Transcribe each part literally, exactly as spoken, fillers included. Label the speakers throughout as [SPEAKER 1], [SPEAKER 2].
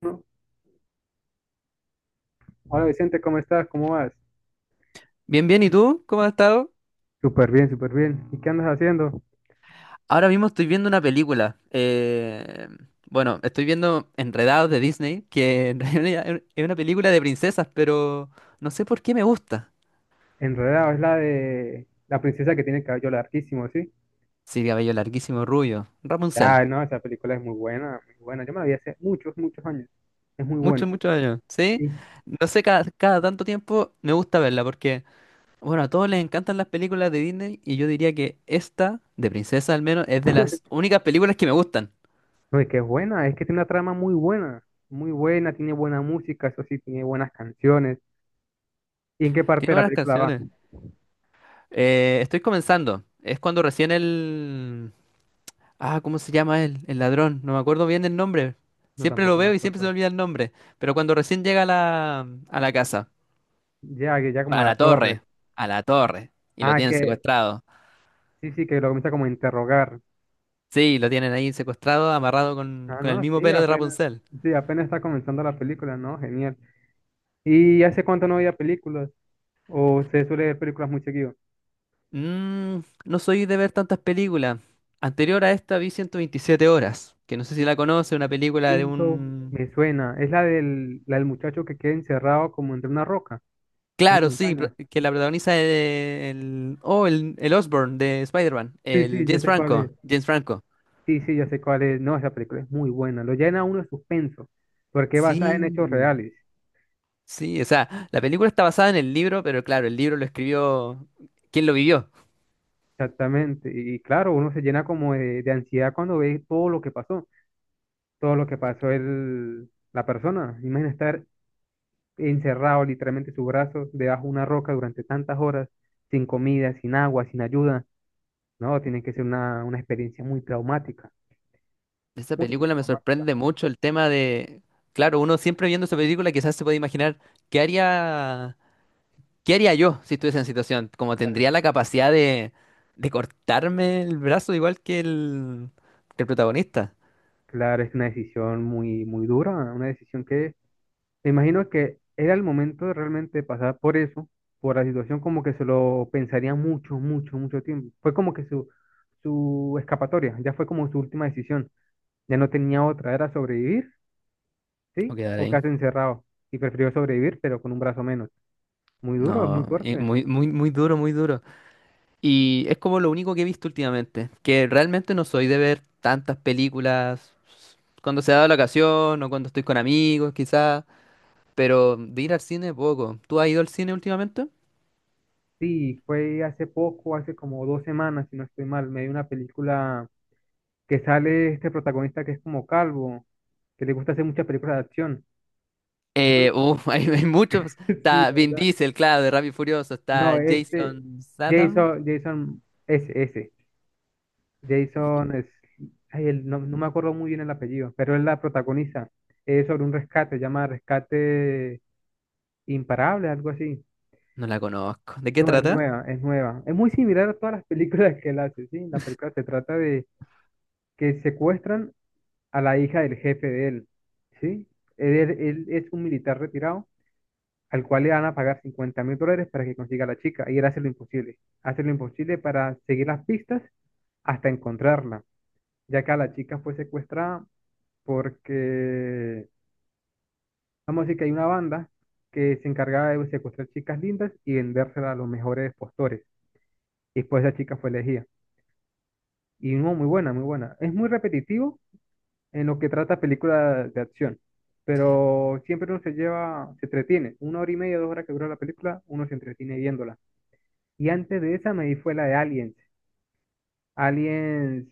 [SPEAKER 1] ¿No? Hola Vicente, ¿cómo estás? ¿Cómo vas?
[SPEAKER 2] Bien, bien, ¿y tú? ¿Cómo has estado?
[SPEAKER 1] Súper bien, súper bien. ¿Y qué andas haciendo?
[SPEAKER 2] Ahora mismo estoy viendo una película. Eh, bueno, estoy viendo Enredados de Disney, que en realidad es es una película de princesas, pero no sé por qué me gusta.
[SPEAKER 1] Enredado, es la de la princesa que tiene el cabello larguísimo, ¿sí?
[SPEAKER 2] Sí, cabello larguísimo, rubio. Rapunzel.
[SPEAKER 1] Ah, no, esa película es muy buena, muy buena. Yo me la vi hace muchos, muchos años. Es muy
[SPEAKER 2] Muchos,
[SPEAKER 1] buena.
[SPEAKER 2] muchos años. ¿Sí?
[SPEAKER 1] Sí.
[SPEAKER 2] No sé, cada, cada tanto tiempo me gusta verla porque, bueno, a todos les encantan las películas de Disney y yo diría que esta, de princesa al menos, es de las únicas películas que me gustan.
[SPEAKER 1] No, es que es buena, es que tiene una trama muy buena, muy buena, tiene buena música, eso sí, tiene buenas canciones. ¿Y en qué parte
[SPEAKER 2] Tiene
[SPEAKER 1] de la
[SPEAKER 2] buenas
[SPEAKER 1] película va?
[SPEAKER 2] canciones. Eh, estoy comenzando. Es cuando recién el... Ah, ¿cómo se llama él? El ladrón. No me acuerdo bien el nombre.
[SPEAKER 1] No,
[SPEAKER 2] Siempre lo
[SPEAKER 1] tampoco me
[SPEAKER 2] veo y siempre se me
[SPEAKER 1] acuerdo.
[SPEAKER 2] olvida el nombre. Pero cuando recién llega a la, a la casa,
[SPEAKER 1] Ya, que ya como a
[SPEAKER 2] a
[SPEAKER 1] la
[SPEAKER 2] la
[SPEAKER 1] torre.
[SPEAKER 2] torre, a la torre, y lo
[SPEAKER 1] Ah,
[SPEAKER 2] tienen
[SPEAKER 1] que
[SPEAKER 2] secuestrado.
[SPEAKER 1] sí, sí, que lo comienza como a interrogar.
[SPEAKER 2] Sí, lo tienen ahí secuestrado, amarrado con,
[SPEAKER 1] Ah,
[SPEAKER 2] con el
[SPEAKER 1] no,
[SPEAKER 2] mismo
[SPEAKER 1] sí,
[SPEAKER 2] pelo de
[SPEAKER 1] apenas,
[SPEAKER 2] Rapunzel.
[SPEAKER 1] sí, apenas está comenzando la película, ¿no? Genial. ¿Y hace cuánto no veía películas? ¿O se suele ver películas muy seguido?
[SPEAKER 2] Mm, no soy de ver tantas películas. Anterior a esta vi ciento veintisiete horas, que no sé si la conoce, una película de
[SPEAKER 1] Siento,
[SPEAKER 2] un...
[SPEAKER 1] me suena. Es la del, la del muchacho que queda encerrado como entre una roca, una
[SPEAKER 2] Claro, sí, pro-
[SPEAKER 1] montaña.
[SPEAKER 2] que la protagoniza el... Oh, el, el Osborn de Spider-Man,
[SPEAKER 1] Sí,
[SPEAKER 2] el
[SPEAKER 1] sí, ya
[SPEAKER 2] James
[SPEAKER 1] sé cuál es.
[SPEAKER 2] Franco, James Franco.
[SPEAKER 1] Sí, sí, ya sé cuál es. No, esa película es muy buena. Lo llena a uno de suspenso, porque es basada en hechos
[SPEAKER 2] Sí,
[SPEAKER 1] reales.
[SPEAKER 2] sí, o sea, la película está basada en el libro, pero claro, el libro lo escribió quien lo vivió.
[SPEAKER 1] Exactamente. Y claro, uno se llena como de, de, ansiedad cuando ve todo lo que pasó, todo lo que pasó el, la persona. Imagina estar encerrado literalmente sus brazos debajo de una roca durante tantas horas, sin comida, sin agua, sin ayuda. No, tiene que ser una, una experiencia muy traumática,
[SPEAKER 2] Esa
[SPEAKER 1] muy, muy
[SPEAKER 2] película me
[SPEAKER 1] traumática.
[SPEAKER 2] sorprende mucho el tema de, claro, uno siempre viendo esa película quizás se puede imaginar qué haría, qué haría yo si estuviese en situación, como
[SPEAKER 1] Claro.
[SPEAKER 2] tendría la capacidad de, de cortarme el brazo igual que el, que el protagonista.
[SPEAKER 1] Claro, es una decisión muy, muy dura, una decisión que me imagino que era el momento de realmente pasar por eso, por la situación como que se lo pensaría mucho, mucho, mucho tiempo. Fue como que su, su escapatoria, ya fue como su última decisión, ya no tenía otra, era sobrevivir,
[SPEAKER 2] O
[SPEAKER 1] ¿sí?
[SPEAKER 2] quedar
[SPEAKER 1] O
[SPEAKER 2] ahí.
[SPEAKER 1] quedarse encerrado y prefirió sobrevivir, pero con un brazo menos. Muy duro, es muy
[SPEAKER 2] No, y
[SPEAKER 1] fuerte.
[SPEAKER 2] muy, muy, muy duro, muy duro. Y es como lo único que he visto últimamente, que realmente no soy de ver tantas películas. Cuando se da la ocasión o cuando estoy con amigos, quizás. Pero de ir al cine, poco. ¿Tú has ido al cine últimamente?
[SPEAKER 1] Sí, fue hace poco, hace como dos semanas, si no estoy mal, me vi una película que sale este protagonista que es como calvo, que le gusta hacer muchas películas de acción. No,
[SPEAKER 2] Eh, uh, hay, hay muchos.
[SPEAKER 1] sí,
[SPEAKER 2] Está Vin
[SPEAKER 1] ¿verdad?
[SPEAKER 2] Diesel, claro, de Rápido y Furioso. Está
[SPEAKER 1] No, este,
[SPEAKER 2] Jason Statham.
[SPEAKER 1] Jason, Jason, ese, ese,
[SPEAKER 2] Y- ¿qué?
[SPEAKER 1] Jason es, ay, el- no, no me acuerdo muy bien el apellido, pero es la protagonista. Es sobre un rescate, se llama Rescate Imparable, algo así.
[SPEAKER 2] No la conozco. ¿De qué
[SPEAKER 1] No, es
[SPEAKER 2] trata?
[SPEAKER 1] nueva, es nueva. Es muy similar a todas las películas que él hace, sí. La película se trata de que secuestran a la hija del jefe de él, ¿sí? Él, él es un militar retirado al cual le van a pagar cincuenta mil dólares para que consiga a la chica y él hace lo imposible, hace lo imposible para seguir las pistas hasta encontrarla, ya que a la chica fue secuestrada porque, vamos a decir que hay una banda que se encargaba de secuestrar chicas lindas y vendérselas a los mejores postores, y después esa chica fue elegida. Y no, muy buena, muy buena. Es muy repetitivo, en lo que trata películas de acción. Pero siempre uno se lleva, se entretiene. Una hora y media, dos horas que dura la película, uno se entretiene viéndola. Y antes de esa me di fue la de Aliens. Aliens,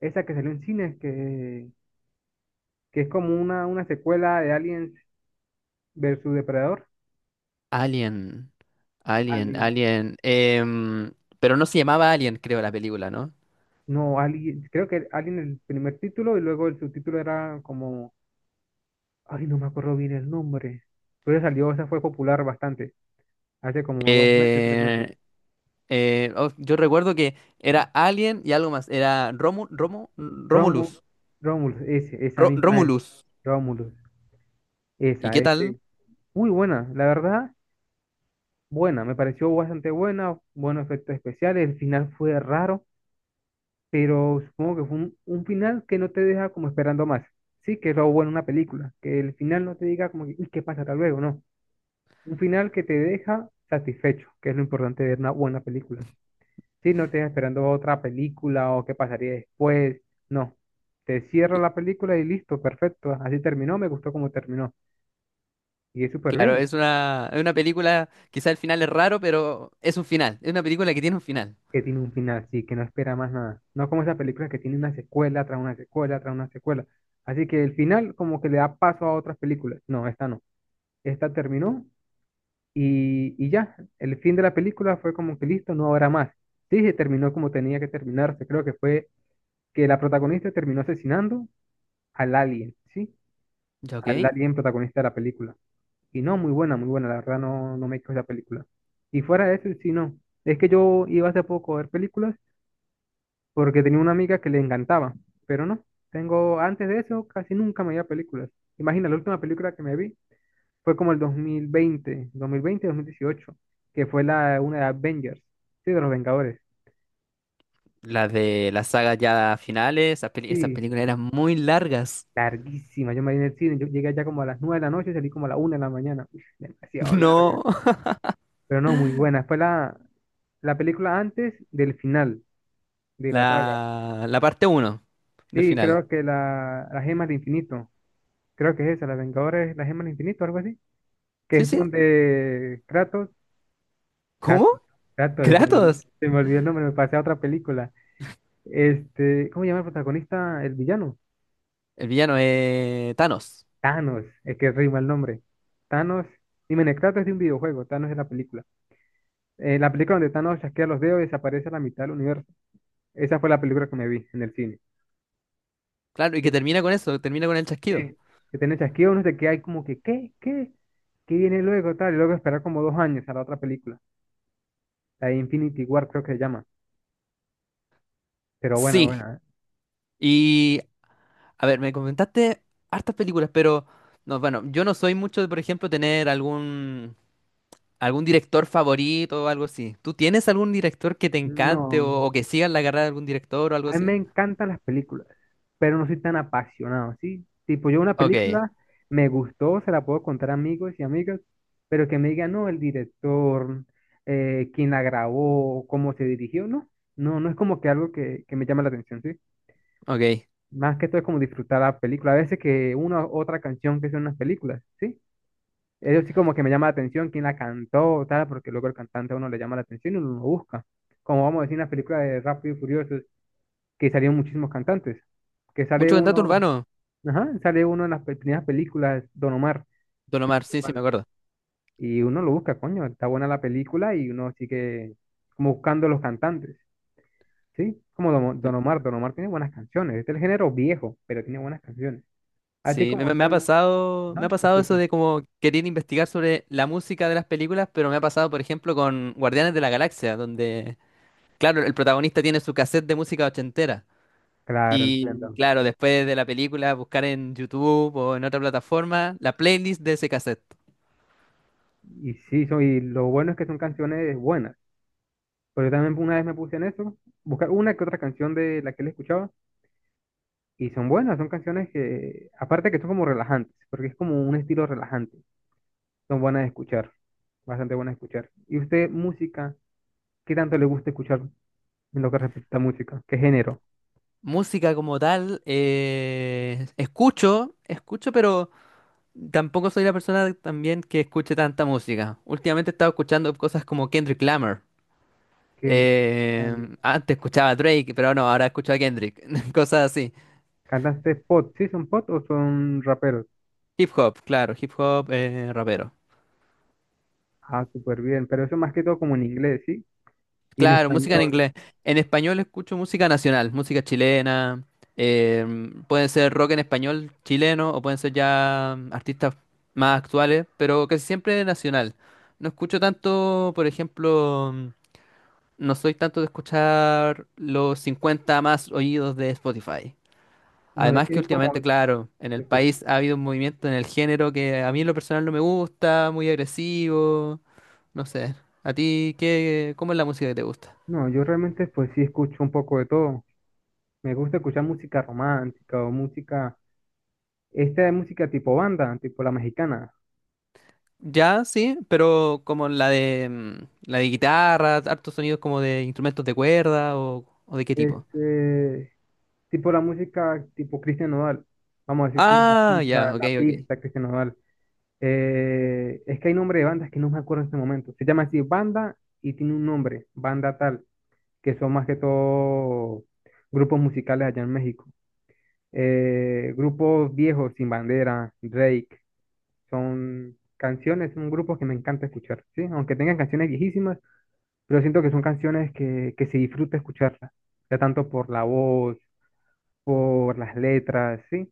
[SPEAKER 1] esa que salió en cines, que, que es como una, una secuela de Aliens versus Depredador.
[SPEAKER 2] Alien. Alien,
[SPEAKER 1] Alien,
[SPEAKER 2] Alien. Em, pero no se llamaba Alien, creo, la película, ¿no?
[SPEAKER 1] no, Alien, creo que Alien el primer título y luego el subtítulo era como, ay, no me acuerdo bien el nombre. Pero salió, esa fue popular bastante, hace como dos meses, tres meses.
[SPEAKER 2] Eh, eh, oh, yo recuerdo que era Alien y algo más. Era Romu, Romu,
[SPEAKER 1] Rómulo,
[SPEAKER 2] Romulus.
[SPEAKER 1] Rómulo, ese, esa
[SPEAKER 2] Ro-
[SPEAKER 1] misma es.
[SPEAKER 2] Romulus.
[SPEAKER 1] Rómulo,
[SPEAKER 2] ¿Y
[SPEAKER 1] esa,
[SPEAKER 2] qué tal?
[SPEAKER 1] este. Muy buena, la verdad, buena, me pareció bastante buena, buenos efectos especiales, el final fue raro, pero supongo que fue un, un, final que no te deja como esperando más. Sí, que es lo bueno en una película, que el final no te diga como, que, ¿y qué pasará luego? No, un final que te deja satisfecho, que es lo importante de una buena película. Sí, no te estás esperando otra película o qué pasaría después. No. Te cierra la película y listo, perfecto. Así terminó, me gustó cómo terminó. Y es súper
[SPEAKER 2] Claro,
[SPEAKER 1] bien
[SPEAKER 2] es una, es una, película, quizá el final es raro, pero es un final. Es una película que tiene un final.
[SPEAKER 1] que tiene un final, sí, que no espera más nada. No como esa película que tiene una secuela tras una secuela tras una secuela. Así que el final como que le da paso a otras películas. No, esta no. Esta terminó y, y ya. El fin de la película fue como que listo, no habrá más. Sí, se terminó como tenía que terminarse. Creo que fue que la protagonista terminó asesinando al alien, ¿sí?
[SPEAKER 2] ¿Ya ok?
[SPEAKER 1] Al alien protagonista de la película. Y no, muy buena, muy buena, la verdad no, no me quejo de la película. Y fuera de eso, sí, no. Es que yo iba hace poco a ver películas porque tenía una amiga que le encantaba, pero no, tengo, antes de eso casi nunca me iba a películas. Imagina, la última película que me vi fue como el dos dos mil mil veinte dos mil veinte dos mil dieciocho que fue la, una de Avengers, sí, de los Vengadores.
[SPEAKER 2] Las de las sagas ya finales, esas, peli- esas
[SPEAKER 1] Sí,
[SPEAKER 2] películas eran muy largas.
[SPEAKER 1] larguísima, yo me vi en el cine, yo llegué allá como a las nueve de la noche y salí como a la una de la mañana. Uf, demasiado
[SPEAKER 2] No,
[SPEAKER 1] larga, pero no, muy buena. Fue la, La película antes del final de la saga.
[SPEAKER 2] la, la parte uno del
[SPEAKER 1] Sí,
[SPEAKER 2] final.
[SPEAKER 1] creo que la, la, Gema del Infinito. Creo que es esa, la Vengadores, la Gema del Infinito, algo así. Que
[SPEAKER 2] Sí,
[SPEAKER 1] es
[SPEAKER 2] sí.
[SPEAKER 1] donde Kratos,
[SPEAKER 2] ¿Cómo?
[SPEAKER 1] Kratos, Kratos, se me,
[SPEAKER 2] Kratos.
[SPEAKER 1] se me olvidó el nombre, me pasé a otra película. Este, ¿cómo se llama el protagonista? El villano.
[SPEAKER 2] El villano es Thanos.
[SPEAKER 1] Thanos, es que rima el nombre. Thanos, dime, Kratos es de un videojuego, Thanos es la película. Eh, la película donde Thanos chasquea los dedos y desaparece a la mitad del universo. Esa fue la película que me vi en el cine.
[SPEAKER 2] Claro, y que termina con eso, termina con el chasquido.
[SPEAKER 1] Sí, que tiene chasquido, uno se queda ahí como que, ¿qué? ¿Qué? ¿Qué viene luego? Tal, y luego esperar como dos años a la otra película, la de Infinity War creo que se llama. Pero bueno,
[SPEAKER 2] Sí.
[SPEAKER 1] bueno, ¿eh?
[SPEAKER 2] Y, a ver, me comentaste hartas películas, pero, no, bueno, yo no soy mucho de, por ejemplo, tener algún... ¿Algún director favorito o algo así? ¿Tú tienes algún director que te encante
[SPEAKER 1] No.
[SPEAKER 2] o, o que sigas la carrera de algún director o algo
[SPEAKER 1] A mí me
[SPEAKER 2] así?
[SPEAKER 1] encantan las películas, pero no soy tan apasionado, ¿sí? Tipo, yo una
[SPEAKER 2] Ok,
[SPEAKER 1] película me gustó, se la puedo contar a amigos y amigas, pero que me digan, no, el director, eh, quién la grabó, cómo se dirigió, no. No, no es como que algo que, que, me llama la atención, ¿sí?
[SPEAKER 2] ok.
[SPEAKER 1] Más que todo es como disfrutar la película. A veces que una u otra canción que son unas películas, ¿sí? Eso sí como que me llama la atención quién la cantó o tal, porque luego el cantante a uno le llama la atención y uno lo busca. Como vamos a decir en las películas de Rápido y Furioso, que salieron muchísimos cantantes. Que sale
[SPEAKER 2] Mucho cantato
[SPEAKER 1] uno,
[SPEAKER 2] urbano,
[SPEAKER 1] ajá, sale uno en las pe- primeras películas, Don Omar.
[SPEAKER 2] Don Omar, sí, sí, me
[SPEAKER 1] Bueno,
[SPEAKER 2] acuerdo.
[SPEAKER 1] y uno lo busca, coño, está buena la película y uno sigue como buscando los cantantes, ¿sí? Como Don Don Omar, Don Omar tiene buenas canciones. Este es el género viejo, pero tiene buenas canciones. A ti
[SPEAKER 2] Sí, me,
[SPEAKER 1] como
[SPEAKER 2] me- me ha
[SPEAKER 1] tal.
[SPEAKER 2] pasado, me ha
[SPEAKER 1] Ajá, te
[SPEAKER 2] pasado
[SPEAKER 1] escucho.
[SPEAKER 2] eso de como querer investigar sobre la música de las películas, pero me ha pasado, por ejemplo, con Guardianes de la Galaxia, donde, claro, el protagonista tiene su cassette de música ochentera.
[SPEAKER 1] Claro,
[SPEAKER 2] Y
[SPEAKER 1] entiendo.
[SPEAKER 2] claro, después de la película, buscar en YouTube o en otra plataforma la playlist de ese cassette.
[SPEAKER 1] Y sí, son, y lo bueno es que son canciones buenas. Pero yo también una vez me puse en eso, buscar una que otra canción de la que él escuchaba, y son buenas, son canciones que, aparte que, son como relajantes, porque es como un estilo relajante, son buenas de escuchar, bastante buenas de escuchar. ¿Y usted, música, qué tanto le gusta escuchar en lo que respecta a música? ¿Qué género?
[SPEAKER 2] Música como tal, eh, escucho, escucho, pero tampoco soy la persona también que escuche tanta música. Últimamente he estado escuchando cosas como Kendrick Lamar.
[SPEAKER 1] ¿Qué,
[SPEAKER 2] Eh, Antes escuchaba a Drake, pero no, ahora escucho a Kendrick. Cosas así.
[SPEAKER 1] ¿Cantantes pop? ¿Sí son pop o son raperos?
[SPEAKER 2] Hip hop, claro, hip hop, eh, rapero.
[SPEAKER 1] Ah, súper bien, pero eso más que todo como en inglés, ¿sí? Y en
[SPEAKER 2] Claro, música en
[SPEAKER 1] español.
[SPEAKER 2] inglés. En español escucho música nacional, música chilena. Em, pueden ser rock en español chileno o pueden ser ya artistas más actuales, pero casi siempre nacional. No escucho tanto, por ejemplo, no soy tanto de escuchar los cincuenta más oídos de Spotify.
[SPEAKER 1] No, yo
[SPEAKER 2] Además que
[SPEAKER 1] sí como
[SPEAKER 2] últimamente, claro, en
[SPEAKER 1] te
[SPEAKER 2] el
[SPEAKER 1] escucho.
[SPEAKER 2] país ha habido un movimiento en el género que a mí en lo personal no me gusta, muy agresivo, no sé. ¿A ti qué, cómo es la música que te gusta?
[SPEAKER 1] No, yo realmente pues sí escucho un poco de todo. Me gusta escuchar música romántica o música, esta es música tipo banda, tipo la mexicana.
[SPEAKER 2] Ya, sí, pero como la de mm, la de guitarra, hartos sonidos como de instrumentos de cuerda o, o, de qué tipo.
[SPEAKER 1] Este, tipo la música tipo Cristian Nodal. Vamos a decir como que
[SPEAKER 2] Ah,
[SPEAKER 1] escucha
[SPEAKER 2] ya,
[SPEAKER 1] la
[SPEAKER 2] ok,
[SPEAKER 1] la
[SPEAKER 2] ok.
[SPEAKER 1] pista Cristian Nodal. Eh, es que hay nombre de bandas que no me acuerdo en este momento. Se llama así banda y tiene un nombre, banda tal, que son más que todo grupos musicales allá en México. Eh, grupos viejos, Sin Bandera, Drake. Son canciones, un grupo que me encanta escuchar, ¿sí? Aunque tengan canciones viejísimas, pero siento que son canciones que, que se disfruta escucharlas, ya tanto por la voz, por las letras, ¿sí?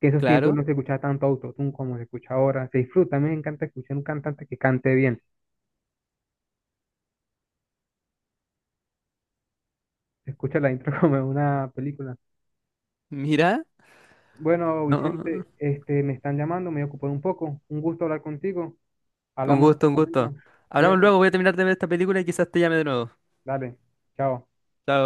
[SPEAKER 1] Que en esos tiempos
[SPEAKER 2] Claro.
[SPEAKER 1] no se escuchaba tanto autotune como se escucha ahora, se disfruta, a mí me encanta escuchar un cantante que cante bien, se escucha la intro como en una película.
[SPEAKER 2] Mira,
[SPEAKER 1] Bueno,
[SPEAKER 2] no,
[SPEAKER 1] Vicente, este, me están llamando, me he ocupado un poco, un gusto hablar contigo,
[SPEAKER 2] un
[SPEAKER 1] hablamos en
[SPEAKER 2] gusto,
[SPEAKER 1] otro
[SPEAKER 2] un gusto.
[SPEAKER 1] momento,
[SPEAKER 2] Hablamos
[SPEAKER 1] cuídate,
[SPEAKER 2] luego, voy a terminar de ver esta película y quizás te llame de nuevo.
[SPEAKER 1] dale, chao.
[SPEAKER 2] Chao.